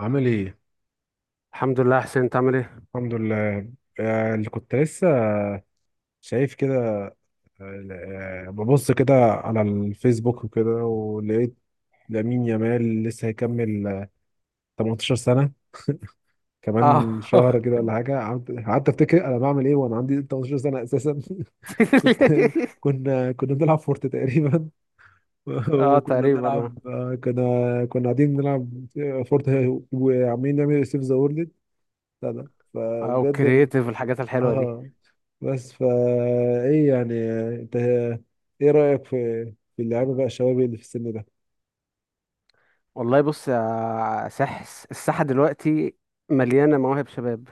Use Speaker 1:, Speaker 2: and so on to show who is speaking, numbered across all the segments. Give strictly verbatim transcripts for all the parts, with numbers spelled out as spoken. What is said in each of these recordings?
Speaker 1: عامل ايه؟
Speaker 2: الحمد لله حسين، انت عامل ايه؟
Speaker 1: الحمد لله. آه، اللي كنت لسه شايف كده. آه، ببص كده على الفيسبوك وكده ولقيت لامين يامال لسه هيكمل آه، تمنتاشر سنة
Speaker 2: اه.
Speaker 1: كمان شهر كده ولا حاجة. قعدت قعدت افتكر انا بعمل ايه وانا عندي تمنتاشر سنة اساسا. كنت، كنا كنا بنلعب فورت تقريبا.
Speaker 2: اه
Speaker 1: وكنا
Speaker 2: تقريبا.
Speaker 1: بنلعب، آه، كنا كنا قاعدين بنلعب فورت وعمالين نعمل سيف ذا وورلد. لا لا،
Speaker 2: اه، او
Speaker 1: فبجد.
Speaker 2: كرييتيف الحاجات الحلوه دي.
Speaker 1: اه بس فا ايه يعني؟ انت ايه رأيك في في اللعيبه بقى، الشباب اللي في السن ده؟
Speaker 2: والله بص يا سحس، الساحه دلوقتي مليانه مواهب شباب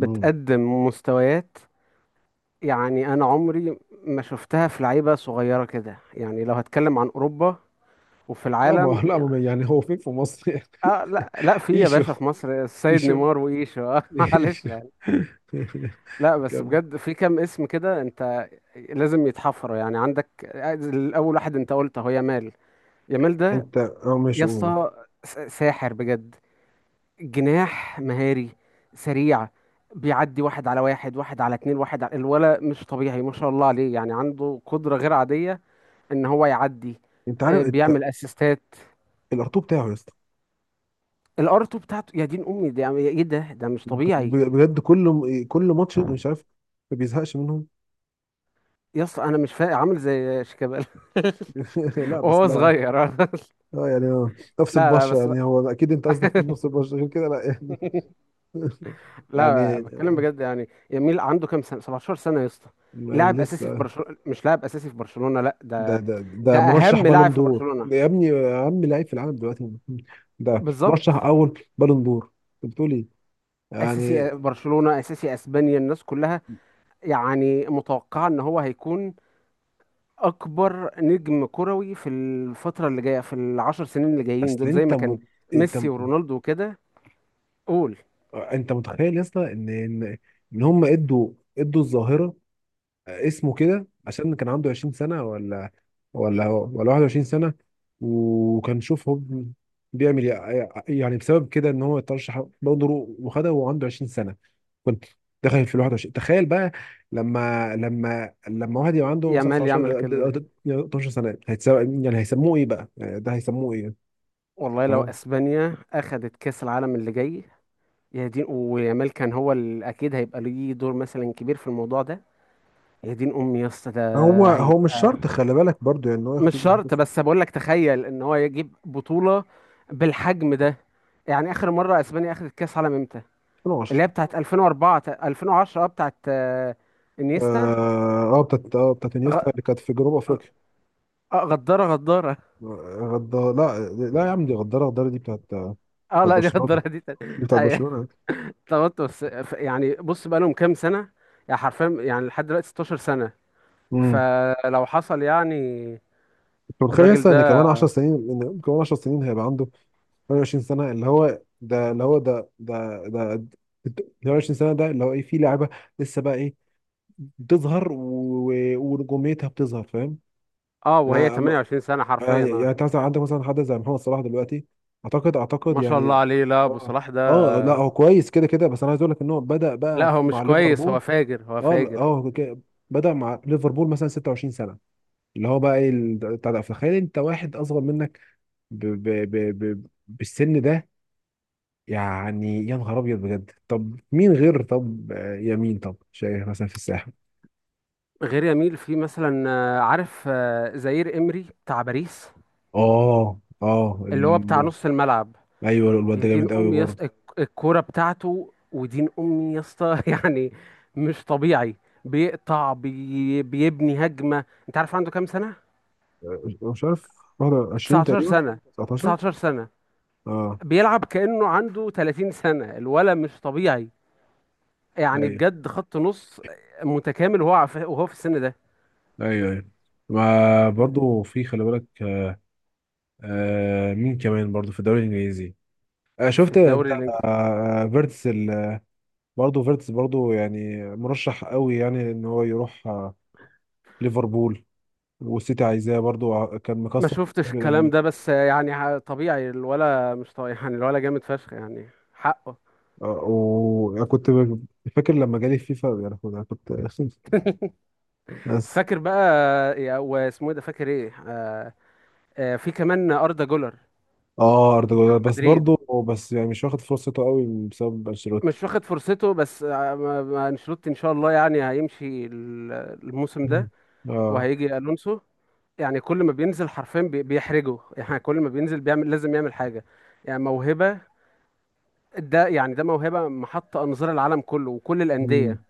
Speaker 1: مم.
Speaker 2: مستويات. يعني انا عمري ما شفتها في لعيبه صغيره كده، يعني لو هتكلم عن اوروبا وفي
Speaker 1: لا ما
Speaker 2: العالم
Speaker 1: لا
Speaker 2: يعني.
Speaker 1: ما يعني، هو فين في مصر يعني؟
Speaker 2: اه لا لا في يا
Speaker 1: ايشو،
Speaker 2: باشا، في مصر السيد
Speaker 1: ايشو،
Speaker 2: نيمار وايشو. اه معلش.
Speaker 1: ايشو.
Speaker 2: لا بس
Speaker 1: كم؟
Speaker 2: بجد في كام اسم كده انت لازم يتحفروا. يعني عندك الاول، واحد انت قلت اهو، يامال. يامال ده
Speaker 1: انت، اه
Speaker 2: يا
Speaker 1: ماشي، قول.
Speaker 2: اسطى س- ساحر بجد، جناح مهاري سريع، بيعدي واحد على واحد، واحد على اتنين، واحد على الولا. مش طبيعي ما شاء الله عليه، يعني عنده قدرة غير عادية ان هو يعدي.
Speaker 1: انت عارف
Speaker 2: آه،
Speaker 1: انت
Speaker 2: بيعمل اسيستات.
Speaker 1: الارتو بتاعه يا اسطى.
Speaker 2: الار اتنين بتاعته، يا دين امي ده ايه ده، ده مش
Speaker 1: ب-
Speaker 2: طبيعي.
Speaker 1: بجد كل م- كل ماتش مش عارف ما بيزهقش منهم.
Speaker 2: يا اسطى انا مش فاهم، عامل زي شيكابالا
Speaker 1: لا بس
Speaker 2: وهو
Speaker 1: لا.
Speaker 2: صغير.
Speaker 1: اه يعني اه نفس
Speaker 2: لا لا
Speaker 1: البشره
Speaker 2: بس
Speaker 1: يعني، هو اكيد انت قصدك في نفس البشره، غير كده لا يعني.
Speaker 2: لا،
Speaker 1: يعني
Speaker 2: بتكلم بجد، يعني يميل عنده كام سنه، سبعة عشر سنه يا اسطى،
Speaker 1: ما
Speaker 2: لاعب اساسي في
Speaker 1: لسه.
Speaker 2: برشلونه. مش لاعب اساسي في برشلونه، لا
Speaker 1: ده
Speaker 2: ده،
Speaker 1: ده
Speaker 2: ده
Speaker 1: ده مرشح
Speaker 2: اهم لاعب
Speaker 1: بالون
Speaker 2: في
Speaker 1: دور
Speaker 2: برشلونه.
Speaker 1: ده يا ابني، اهم لعيب في العالم دلوقتي. ده مرشح
Speaker 2: بالظبط،
Speaker 1: اول بالون دور. انت بتقول ايه
Speaker 2: اساسي
Speaker 1: يعني؟
Speaker 2: برشلونه، اساسي اسبانيا، الناس كلها يعني متوقعه ان هو هيكون اكبر نجم كروي في الفتره اللي جايه، في العشر سنين اللي جايين
Speaker 1: اصل
Speaker 2: دول، زي
Speaker 1: انت
Speaker 2: ما كان
Speaker 1: مت... انت
Speaker 2: ميسي ورونالدو وكده. قول.
Speaker 1: انت متخيل يا اسطى ان ان إن هم ادوا ادوا الظاهره، اسمه كده عشان كان عنده عشرين سنه، ولا ولا ولا واحد وعشرين سنه. وكان شوف هو بيعمل إيه يعني بسبب كده ان هو اترشح بالون دور وخدها وهو عنده عشرين سنه. كنت داخل في ال واحد وعشرين، تخيل بقى. لما لما لما واحد يبقى عنده مثلا
Speaker 2: يامال يعمل
Speaker 1: تسعة عشر،
Speaker 2: كل ده.
Speaker 1: اتناشر سنه، هيتساوي، يعني هيسموه ايه بقى؟ يعني ده هيسموه ايه؟
Speaker 2: والله لو
Speaker 1: فاهم؟
Speaker 2: اسبانيا اخذت كاس العالم اللي جاي، يا دين، ويامال كان هو ال- اكيد هيبقى ليه دور مثلا كبير في الموضوع ده، يا دين امي يا اسطى ده
Speaker 1: هو هو مش
Speaker 2: هيبقى.
Speaker 1: شرط، خلي بالك برضو، يعني إن هو
Speaker 2: مش
Speaker 1: ياخد.
Speaker 2: شرط، بس بقول لك تخيل ان هو يجيب بطولة بالحجم ده. يعني اخر مرة اسبانيا اخذت كاس عالم امتى؟
Speaker 1: ألفين وعشرة.
Speaker 2: اللي هي بتاعت ألفين واربعة تا- الفين وعشرة، اه بتاعت آه، انيستا.
Speaker 1: اه، آه، بتاعت اه بتاعت انيستا،
Speaker 2: غ-
Speaker 1: اللي كانت في جنوب افريقيا.
Speaker 2: آه، غدارة غدارة
Speaker 1: غدار، لا لا يا عم، دي غداره غداره، دي بتاعت بتاعت
Speaker 2: اه لا دي
Speaker 1: برشلونه،
Speaker 2: غدارة دي
Speaker 1: دي
Speaker 2: تاني.
Speaker 1: بتاعت
Speaker 2: ايوه
Speaker 1: برشلونه.
Speaker 2: اتلخبطت. بس ف- يعني بص بقى، لهم كام سنة؟ يعني حرفيا يعني لحد دلوقتي 16 سنة.
Speaker 1: امم
Speaker 2: فلو حصل يعني،
Speaker 1: انت متخيل
Speaker 2: الراجل
Speaker 1: لسه ان
Speaker 2: ده
Speaker 1: كمان عشر سنين، ان كمان 10 سنين هيبقى عنده ثمانية وعشرين سنة، اللي هو ده، اللي هو ده ده ده ده- تمنية وعشرين سنة، ده اللي هو ايه في لعبة لسه بقى ايه بتظهر و- و- ونجوميتها بتظهر، فاهم.
Speaker 2: اه، وهي
Speaker 1: يعني ما-
Speaker 2: ثمانية وعشرون سنة حرفيا
Speaker 1: يعني يعني
Speaker 2: اه.
Speaker 1: أنت مثلا عندك مثلا حد زي محمد صلاح دلوقتي، اعتقد اعتقد
Speaker 2: ما شاء الله
Speaker 1: يعني.
Speaker 2: عليه. لا ابو
Speaker 1: اه
Speaker 2: صلاح ده،
Speaker 1: اه لا، هو كويس كده كده، بس انا عايز اقول لك ان هو بدأ بقى
Speaker 2: لا هو
Speaker 1: مع
Speaker 2: مش كويس،
Speaker 1: ليفربول.
Speaker 2: هو فاجر، هو
Speaker 1: اه
Speaker 2: فاجر.
Speaker 1: اه ك- بدأ مع ليفربول مثلا ستة وعشرين سنة، اللي هو بقى ايه، ال- بتاع ده، فخيل انت واحد اصغر منك ب ب ب ب بالسن ده، يعني يا نهار ابيض بجد. طب مين غير؟ طب آه، يمين. طب شايف مثلا في الساحل.
Speaker 2: غير يميل، في مثلا آه، عارف، آه، زائير امري بتاع باريس
Speaker 1: اه اه
Speaker 2: اللي هو بتاع
Speaker 1: ال...
Speaker 2: نص الملعب.
Speaker 1: ايوه الواد
Speaker 2: يا
Speaker 1: ده
Speaker 2: دين
Speaker 1: جامد قوي
Speaker 2: امي يا يص...
Speaker 1: برضه.
Speaker 2: الكوره بتاعته ودين امي يا اسطى، يعني مش طبيعي. بيقطع، بي... بيبني هجمه. انت عارف عنده كام سنه؟
Speaker 1: آه، مش عارف واحد وعشرين
Speaker 2: تسعتاشر
Speaker 1: تقريبا،
Speaker 2: سنه،
Speaker 1: تسعتاشر،
Speaker 2: تسعتاشر سنه.
Speaker 1: اه.
Speaker 2: بيلعب كانه عنده ثلاثين سنه، الولد مش طبيعي. يعني
Speaker 1: ايوه
Speaker 2: بجد خط نص متكامل، وهو عف- وهو في السن ده.
Speaker 1: ايوه ايوه. ما برضه في خلي بالك. آه مين كمان برضه في الدوري الانجليزي؟ آه
Speaker 2: في
Speaker 1: شفت انت،
Speaker 2: الدوري الانجليزي،
Speaker 1: آه فيرتس ال...، برضه فيرتس برضه يعني مرشح قوي، يعني ان هو يروح آه ليفربول والسيتي عايزاه برضه. آه، كان
Speaker 2: ما
Speaker 1: مكسر
Speaker 2: شفتش
Speaker 1: الدوري
Speaker 2: الكلام
Speaker 1: الألماني.
Speaker 2: ده، بس يعني ع- طبيعي الولا. مش طبيعي يعني، الولا جامد فشخ يعني، حقه.
Speaker 1: آه، وكنت ب- فاكر لما جالي فيفا، يعني كنت، أنا كنت بس.
Speaker 2: فاكر بقى، يا- واسمه إيه ده، فاكر ايه آه آه في كمان اردا جولر
Speaker 1: اه، اردا
Speaker 2: بتاع
Speaker 1: جولر، بس
Speaker 2: مدريد.
Speaker 1: برضه، بس يعني مش واخد فرصته قوي بسبب انشيلوتي.
Speaker 2: مش واخد فرصته، بس آه ما- ما انشيلوتي ان شاء الله يعني هيمشي ال- الموسم
Speaker 1: مم.
Speaker 2: ده،
Speaker 1: اه.
Speaker 2: وهيجي الونسو. يعني كل ما بينزل حرفيا بي- بيحرجه، يعني كل ما بينزل بيعمل، لازم يعمل حاجة. يعني موهبة ده، يعني ده موهبة محط أنظار العالم كله وكل
Speaker 1: امم
Speaker 2: الأندية.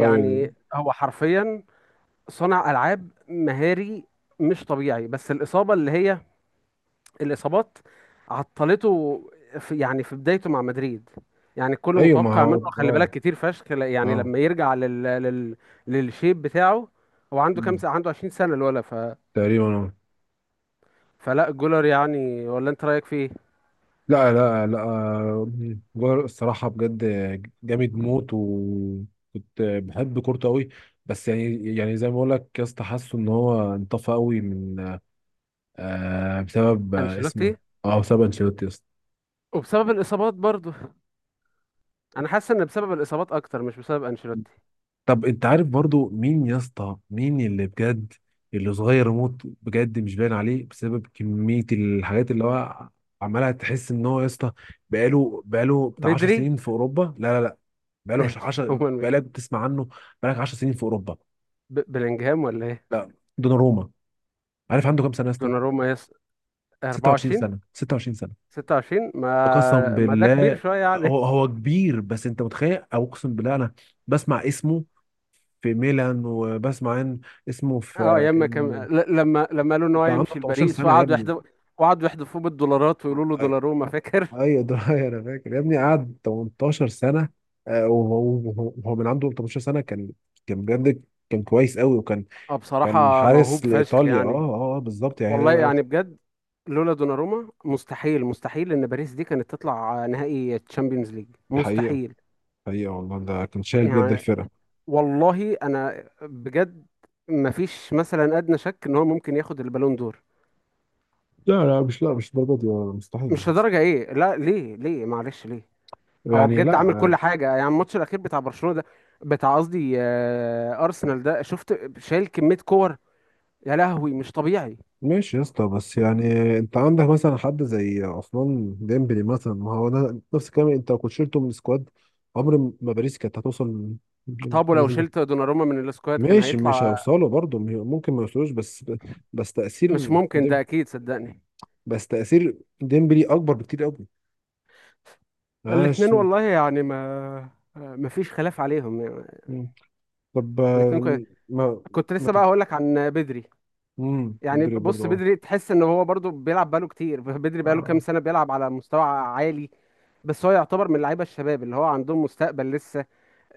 Speaker 1: ايوه دي.
Speaker 2: هو حرفيا صانع ألعاب مهاري مش طبيعي. بس الإصابة اللي هي، الإصابات عطلته في، يعني في بدايته مع مدريد. يعني الكل
Speaker 1: ايوه ما
Speaker 2: متوقع
Speaker 1: هو
Speaker 2: منه، خلي
Speaker 1: اه
Speaker 2: بالك كتير فشخ ل- يعني
Speaker 1: اه
Speaker 2: لما يرجع لل... لل... للشيب بتاعه. هو عنده كام
Speaker 1: مم.
Speaker 2: سنة؟ عنده عشرين سنة الولا ف...
Speaker 1: تقريبا، اه.
Speaker 2: فلا جولر، يعني ولا، أنت رأيك فيه؟
Speaker 1: لا لا لا، آه، جولر الصراحة بجد جامد موت، وكنت بحب كورته قوي. بس يعني، يعني زي ما بقول لك يا اسطى، حاسه ان هو انطفى قوي من آه بسبب آه اسمه إيه؟
Speaker 2: أنشيلوتي.
Speaker 1: اه بسبب انشيلوتي.
Speaker 2: وبسبب الإصابات برضه، أنا حاسس إن بسبب الإصابات أكتر مش بسبب أنشيلوتي.
Speaker 1: طب انت عارف برضو مين يا اسطى، مين اللي بجد اللي صغير موت بجد، مش باين عليه بسبب كمية الحاجات اللي هو عمالها؟ تحس ان هو يا اسطى بقاله بقاله بتاع عشر
Speaker 2: بدري.
Speaker 1: سنين في اوروبا. لا لا لا، بقاله عشرة
Speaker 2: هو مين؟
Speaker 1: بقالك بتسمع عنه، بقالك عشر سنين في اوروبا.
Speaker 2: ب- بلينجهام ولا ايه؟
Speaker 1: لا، دوناروما. عارف عنده كام سنة يا اسطى؟
Speaker 2: دوناروما. يس.
Speaker 1: ستة وعشرين
Speaker 2: اربعة وعشرين.
Speaker 1: سنة، ستة وعشرين سنة.
Speaker 2: ستة وعشرين،
Speaker 1: قسم
Speaker 2: ما ما ده كبير
Speaker 1: بالله.
Speaker 2: شويه يعني.
Speaker 1: هو هو كبير، بس انت متخيل؟ او اقسم بالله انا بسمع اسمه في ميلان، وبسمع إن اسمه
Speaker 2: اه
Speaker 1: في
Speaker 2: ياما كان
Speaker 1: كان
Speaker 2: ل- لما لما قالوا ان هو
Speaker 1: كان عنده
Speaker 2: يمشي
Speaker 1: ثمانية عشر
Speaker 2: لباريس،
Speaker 1: سنة يا
Speaker 2: وقعدوا
Speaker 1: ابني.
Speaker 2: يحدفوا، وقعدوا يحدفوه بالدولارات، ويقولوا له
Speaker 1: ايوه،
Speaker 2: دوناروما، فاكر؟
Speaker 1: ايوه ده. انا فاكر يا ابني، قعد تمنتاشر سنة. آه، وهو وهو- وهو من عنده تمنتاشر سنة كان، كان بجد كان كويس قوي، وكان
Speaker 2: اه
Speaker 1: كان
Speaker 2: بصراحه موهوب
Speaker 1: حارس
Speaker 2: فشخ
Speaker 1: لإيطاليا. اه
Speaker 2: يعني.
Speaker 1: اه آه، بالظبط، يعني
Speaker 2: والله
Speaker 1: ده
Speaker 2: يعني بجد لولا دوناروما، مستحيل، مستحيل ان باريس دي كانت تطلع نهائي تشامبيونز ليج،
Speaker 1: حقيقة،
Speaker 2: مستحيل.
Speaker 1: حقيقة والله، ده كان شايل بجد
Speaker 2: يعني
Speaker 1: الفرقة.
Speaker 2: والله انا بجد ما فيش مثلا ادنى شك ان هو ممكن ياخد البالون دور.
Speaker 1: لا لا مش لا مش الدرجة دي والله، مستحيل.
Speaker 2: مش لدرجة ايه، لا ليه؟ ليه معلش ليه؟ هو
Speaker 1: يعني
Speaker 2: بجد عامل
Speaker 1: لا.
Speaker 2: كل حاجة، يعني الماتش الأخير بتاع برشلونة ده، بتاع قصدي آه، أرسنال ده، شفت شايل كمية كور؟ يا لهوي مش طبيعي.
Speaker 1: ماشي يا اسطى، بس يعني انت عندك مثلا حد زي عثمان ديمبلي، مثلا ما هو ده نفس الكلام، انت لو كنت شلته من السكواد عمر ما باريس كانت هتوصل
Speaker 2: طب ولو
Speaker 1: الليفل ده.
Speaker 2: شلت دوناروما من السكواد، كان
Speaker 1: ماشي مش
Speaker 2: هيطلع؟
Speaker 1: هيوصلوا برضه، ممكن ما يوصلوش، بس بس
Speaker 2: مش
Speaker 1: تأثير
Speaker 2: ممكن،
Speaker 1: ديم
Speaker 2: ده أكيد صدقني.
Speaker 1: بس تأثير ديمبلي أكبر بكتير قوي.
Speaker 2: الاتنين
Speaker 1: ماشي.
Speaker 2: والله يعني ما آه، ما فيش خلاف عليهم يعني.
Speaker 1: مم. طب،
Speaker 2: الاتنين
Speaker 1: آه،
Speaker 2: كوي-
Speaker 1: ما
Speaker 2: كنت
Speaker 1: ما
Speaker 2: لسه
Speaker 1: تف...
Speaker 2: بقى هقول لك عن بدري.
Speaker 1: مم.
Speaker 2: يعني
Speaker 1: مدري برضه،
Speaker 2: بص،
Speaker 1: اه،
Speaker 2: بدري تحس ان هو برضو بيلعب بقاله كتير. بدري بقاله كام
Speaker 1: اه،
Speaker 2: سنة بيلعب على مستوى عالي. بس هو يعتبر من لعيبه الشباب اللي هو عندهم مستقبل لسه.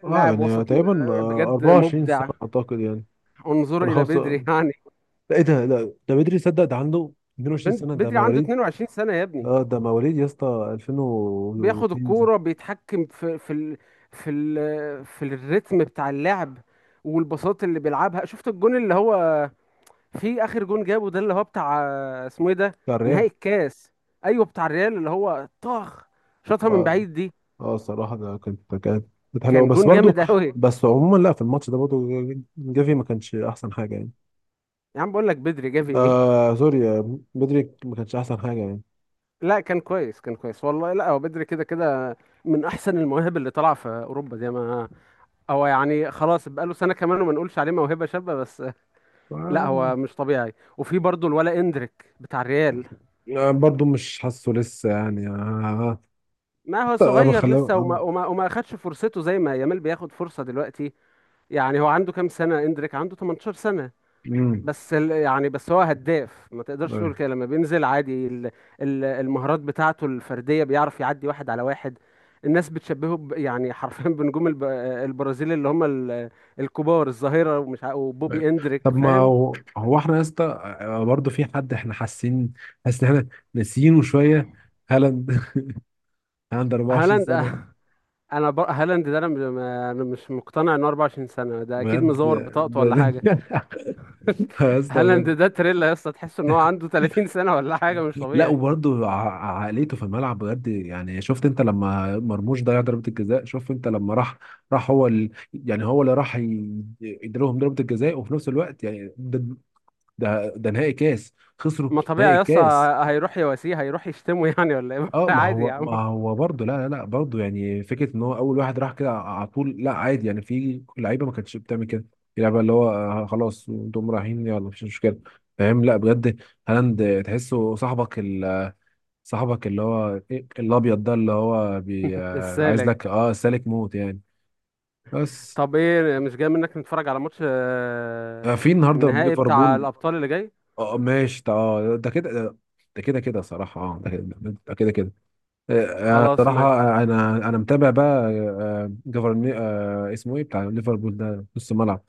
Speaker 1: آه،
Speaker 2: لاعب
Speaker 1: يعني
Speaker 2: وسط م-
Speaker 1: تقريبا، آه،
Speaker 2: بجد
Speaker 1: اربعة وعشرين سنة
Speaker 2: مبدع.
Speaker 1: أعتقد، يعني
Speaker 2: انظر
Speaker 1: ولا
Speaker 2: الى بدري،
Speaker 1: خمسة.
Speaker 2: يعني
Speaker 1: لا ايه ده؟ لا، ده بدري، صدق ده عنده اتنين وعشرين
Speaker 2: بن-
Speaker 1: سنة، ده
Speaker 2: بدري عنده
Speaker 1: مواليد.
Speaker 2: اتنين وعشرين سنه يا ابني.
Speaker 1: اه ده مواليد يا اسطى
Speaker 2: بياخد
Speaker 1: ألفين واتنين زي-
Speaker 2: الكوره، بيتحكم في، في ال في ال في الريتم بتاع اللعب والبساط اللي بيلعبها. شفت الجون اللي هو في اخر جون جابه ده، اللي هو بتاع، اسمه ايه ده،
Speaker 1: بتاع الريال.
Speaker 2: نهائي الكاس؟ ايوه بتاع الريال، اللي هو طخ شاطها من
Speaker 1: اه
Speaker 2: بعيد دي،
Speaker 1: اه الصراحة ده كانت، كانت كانت حلوة،
Speaker 2: كان
Speaker 1: بس
Speaker 2: جون
Speaker 1: برضو
Speaker 2: جامد قوي.
Speaker 1: بس عموما لا، في الماتش ده برضو جافي ما كانش احسن حاجة يعني.
Speaker 2: يا عم بقول لك بدري، جافي ايه؟
Speaker 1: آه سوري، آه، بدري ما كانش احسن حاجة يعني.
Speaker 2: لا كان كويس، كان كويس والله. لا هو بدري كده كده من احسن المواهب اللي طالعه في اوروبا دي، ما هو يعني خلاص بقاله سنه كمان وما نقولش عليه موهبه شابه بس. لا
Speaker 1: آه،
Speaker 2: هو مش طبيعي. وفي برضه الولا اندريك بتاع الريال،
Speaker 1: آه، برضو مش حاسه لسه يعني. آه،
Speaker 2: ما هو
Speaker 1: آه، آه،
Speaker 2: صغير
Speaker 1: بخلاه
Speaker 2: لسه،
Speaker 1: آه،
Speaker 2: وما وما, وما اخدش فرصته زي ما يامال بياخد فرصه دلوقتي. يعني هو عنده كام سنه؟ اندريك عنده تمنتاشر سنه.
Speaker 1: مم.
Speaker 2: بس ال- يعني بس هو هداف، ما تقدرش تقول
Speaker 1: أيوه.
Speaker 2: كده. لما بينزل عادي، ال- ال- المهارات بتاعته الفردية، بيعرف يعدي واحد على واحد. الناس بتشبهه ب- يعني حرفيا بنجوم الب- البرازيل، اللي هم ال- الكبار، الظاهرة ومش ع-
Speaker 1: أيوة.
Speaker 2: وبوبي اندريك،
Speaker 1: طب ما
Speaker 2: فاهم.
Speaker 1: هو، هو احنا يا اسطى آه، برضه في حد احنا حاسين، حاسس ان احنا ناسيينه شويه: هالاند. هالاند اربعة وعشرين
Speaker 2: هالاند.
Speaker 1: سنه.
Speaker 2: انا بر... هالاند ده انا م- انا مش مقتنع انه اربعة وعشرين سنة، ده اكيد
Speaker 1: بجد،
Speaker 2: مزور بطاقته
Speaker 1: ده
Speaker 2: ولا حاجة.
Speaker 1: ده يا اسطى
Speaker 2: هالاند
Speaker 1: بجد.
Speaker 2: ده تريلا يا اسطى، تحس ان هو عنده ثلاثين سنة ولا حاجة، مش
Speaker 1: لا
Speaker 2: طبيعي.
Speaker 1: وبرضه ع- عقليته في الملعب بجد، يعني شفت انت لما مرموش ضيع ضربه الجزاء؟ شوف انت لما راح، راح هو ال... يعني هو اللي راح ي- يديلهم ضربه الجزاء، وفي نفس الوقت يعني ده، ده, ده نهائي كاس خسروا،
Speaker 2: ما طبيعي
Speaker 1: نهائي
Speaker 2: يا اسطى،
Speaker 1: كاس.
Speaker 2: هيروح يواسيه، هيروح يشتمه يعني ولا ايه؟
Speaker 1: اه ما
Speaker 2: عادي يا
Speaker 1: هو،
Speaker 2: عم.
Speaker 1: ما هو برضه، لا لا لا برضه يعني، فكره ان هو اول واحد راح كده على طول، لا عادي يعني، في لعيبه ما كانتش بتعمل كده. في لعيبه اللي هو آه، خلاص انتم رايحين يلا مفيش مشكله، فاهم؟ لا بجد هالاند تحسه صاحبك ال- صاحبك، اللي هو إيه، الابيض ده، اللي هو بي آه، عايز
Speaker 2: السالك.
Speaker 1: لك اه سالك موت يعني. بس
Speaker 2: طب ايه، مش جاي منك نتفرج على ماتش
Speaker 1: آه،
Speaker 2: آه،
Speaker 1: في النهارده من
Speaker 2: النهائي بتاع
Speaker 1: ليفربول.
Speaker 2: الابطال اللي جاي؟
Speaker 1: اه ماشي ده، اه ده كده ده، ده كده كده صراحه، اه ده كده، ده كده كده. آه، آه،
Speaker 2: خلاص
Speaker 1: صراحة
Speaker 2: ماشي.
Speaker 1: آه، أنا أنا متابع بقى. جفرني، اسمه إيه بتاع ليفربول ده نص الملعب؟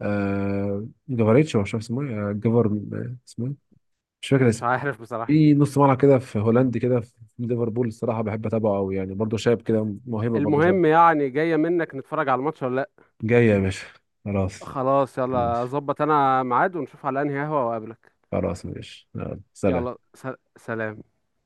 Speaker 1: آه، جفاريتش، هو مش عارف اسمه إيه. آه، جفر، آه، اسمه إيه، مش فاكر
Speaker 2: مش
Speaker 1: اسمه.
Speaker 2: عارف بصراحة.
Speaker 1: في نص ملعب كده، في هولندي كده، في ليفربول الصراحة بحب أتابعه أوي يعني، برضه شاب كده موهبة، برضه شاب.
Speaker 2: المهم يعني، جاية منك نتفرج على الماتش ولا لا؟
Speaker 1: جاي يا باشا. خلاص
Speaker 2: خلاص يلا،
Speaker 1: ماشي.
Speaker 2: ظبط انا ميعاد ونشوف على انهي قهوة واقابلك.
Speaker 1: خلاص ماشي، يلا، سلام.
Speaker 2: يلا س- سلام.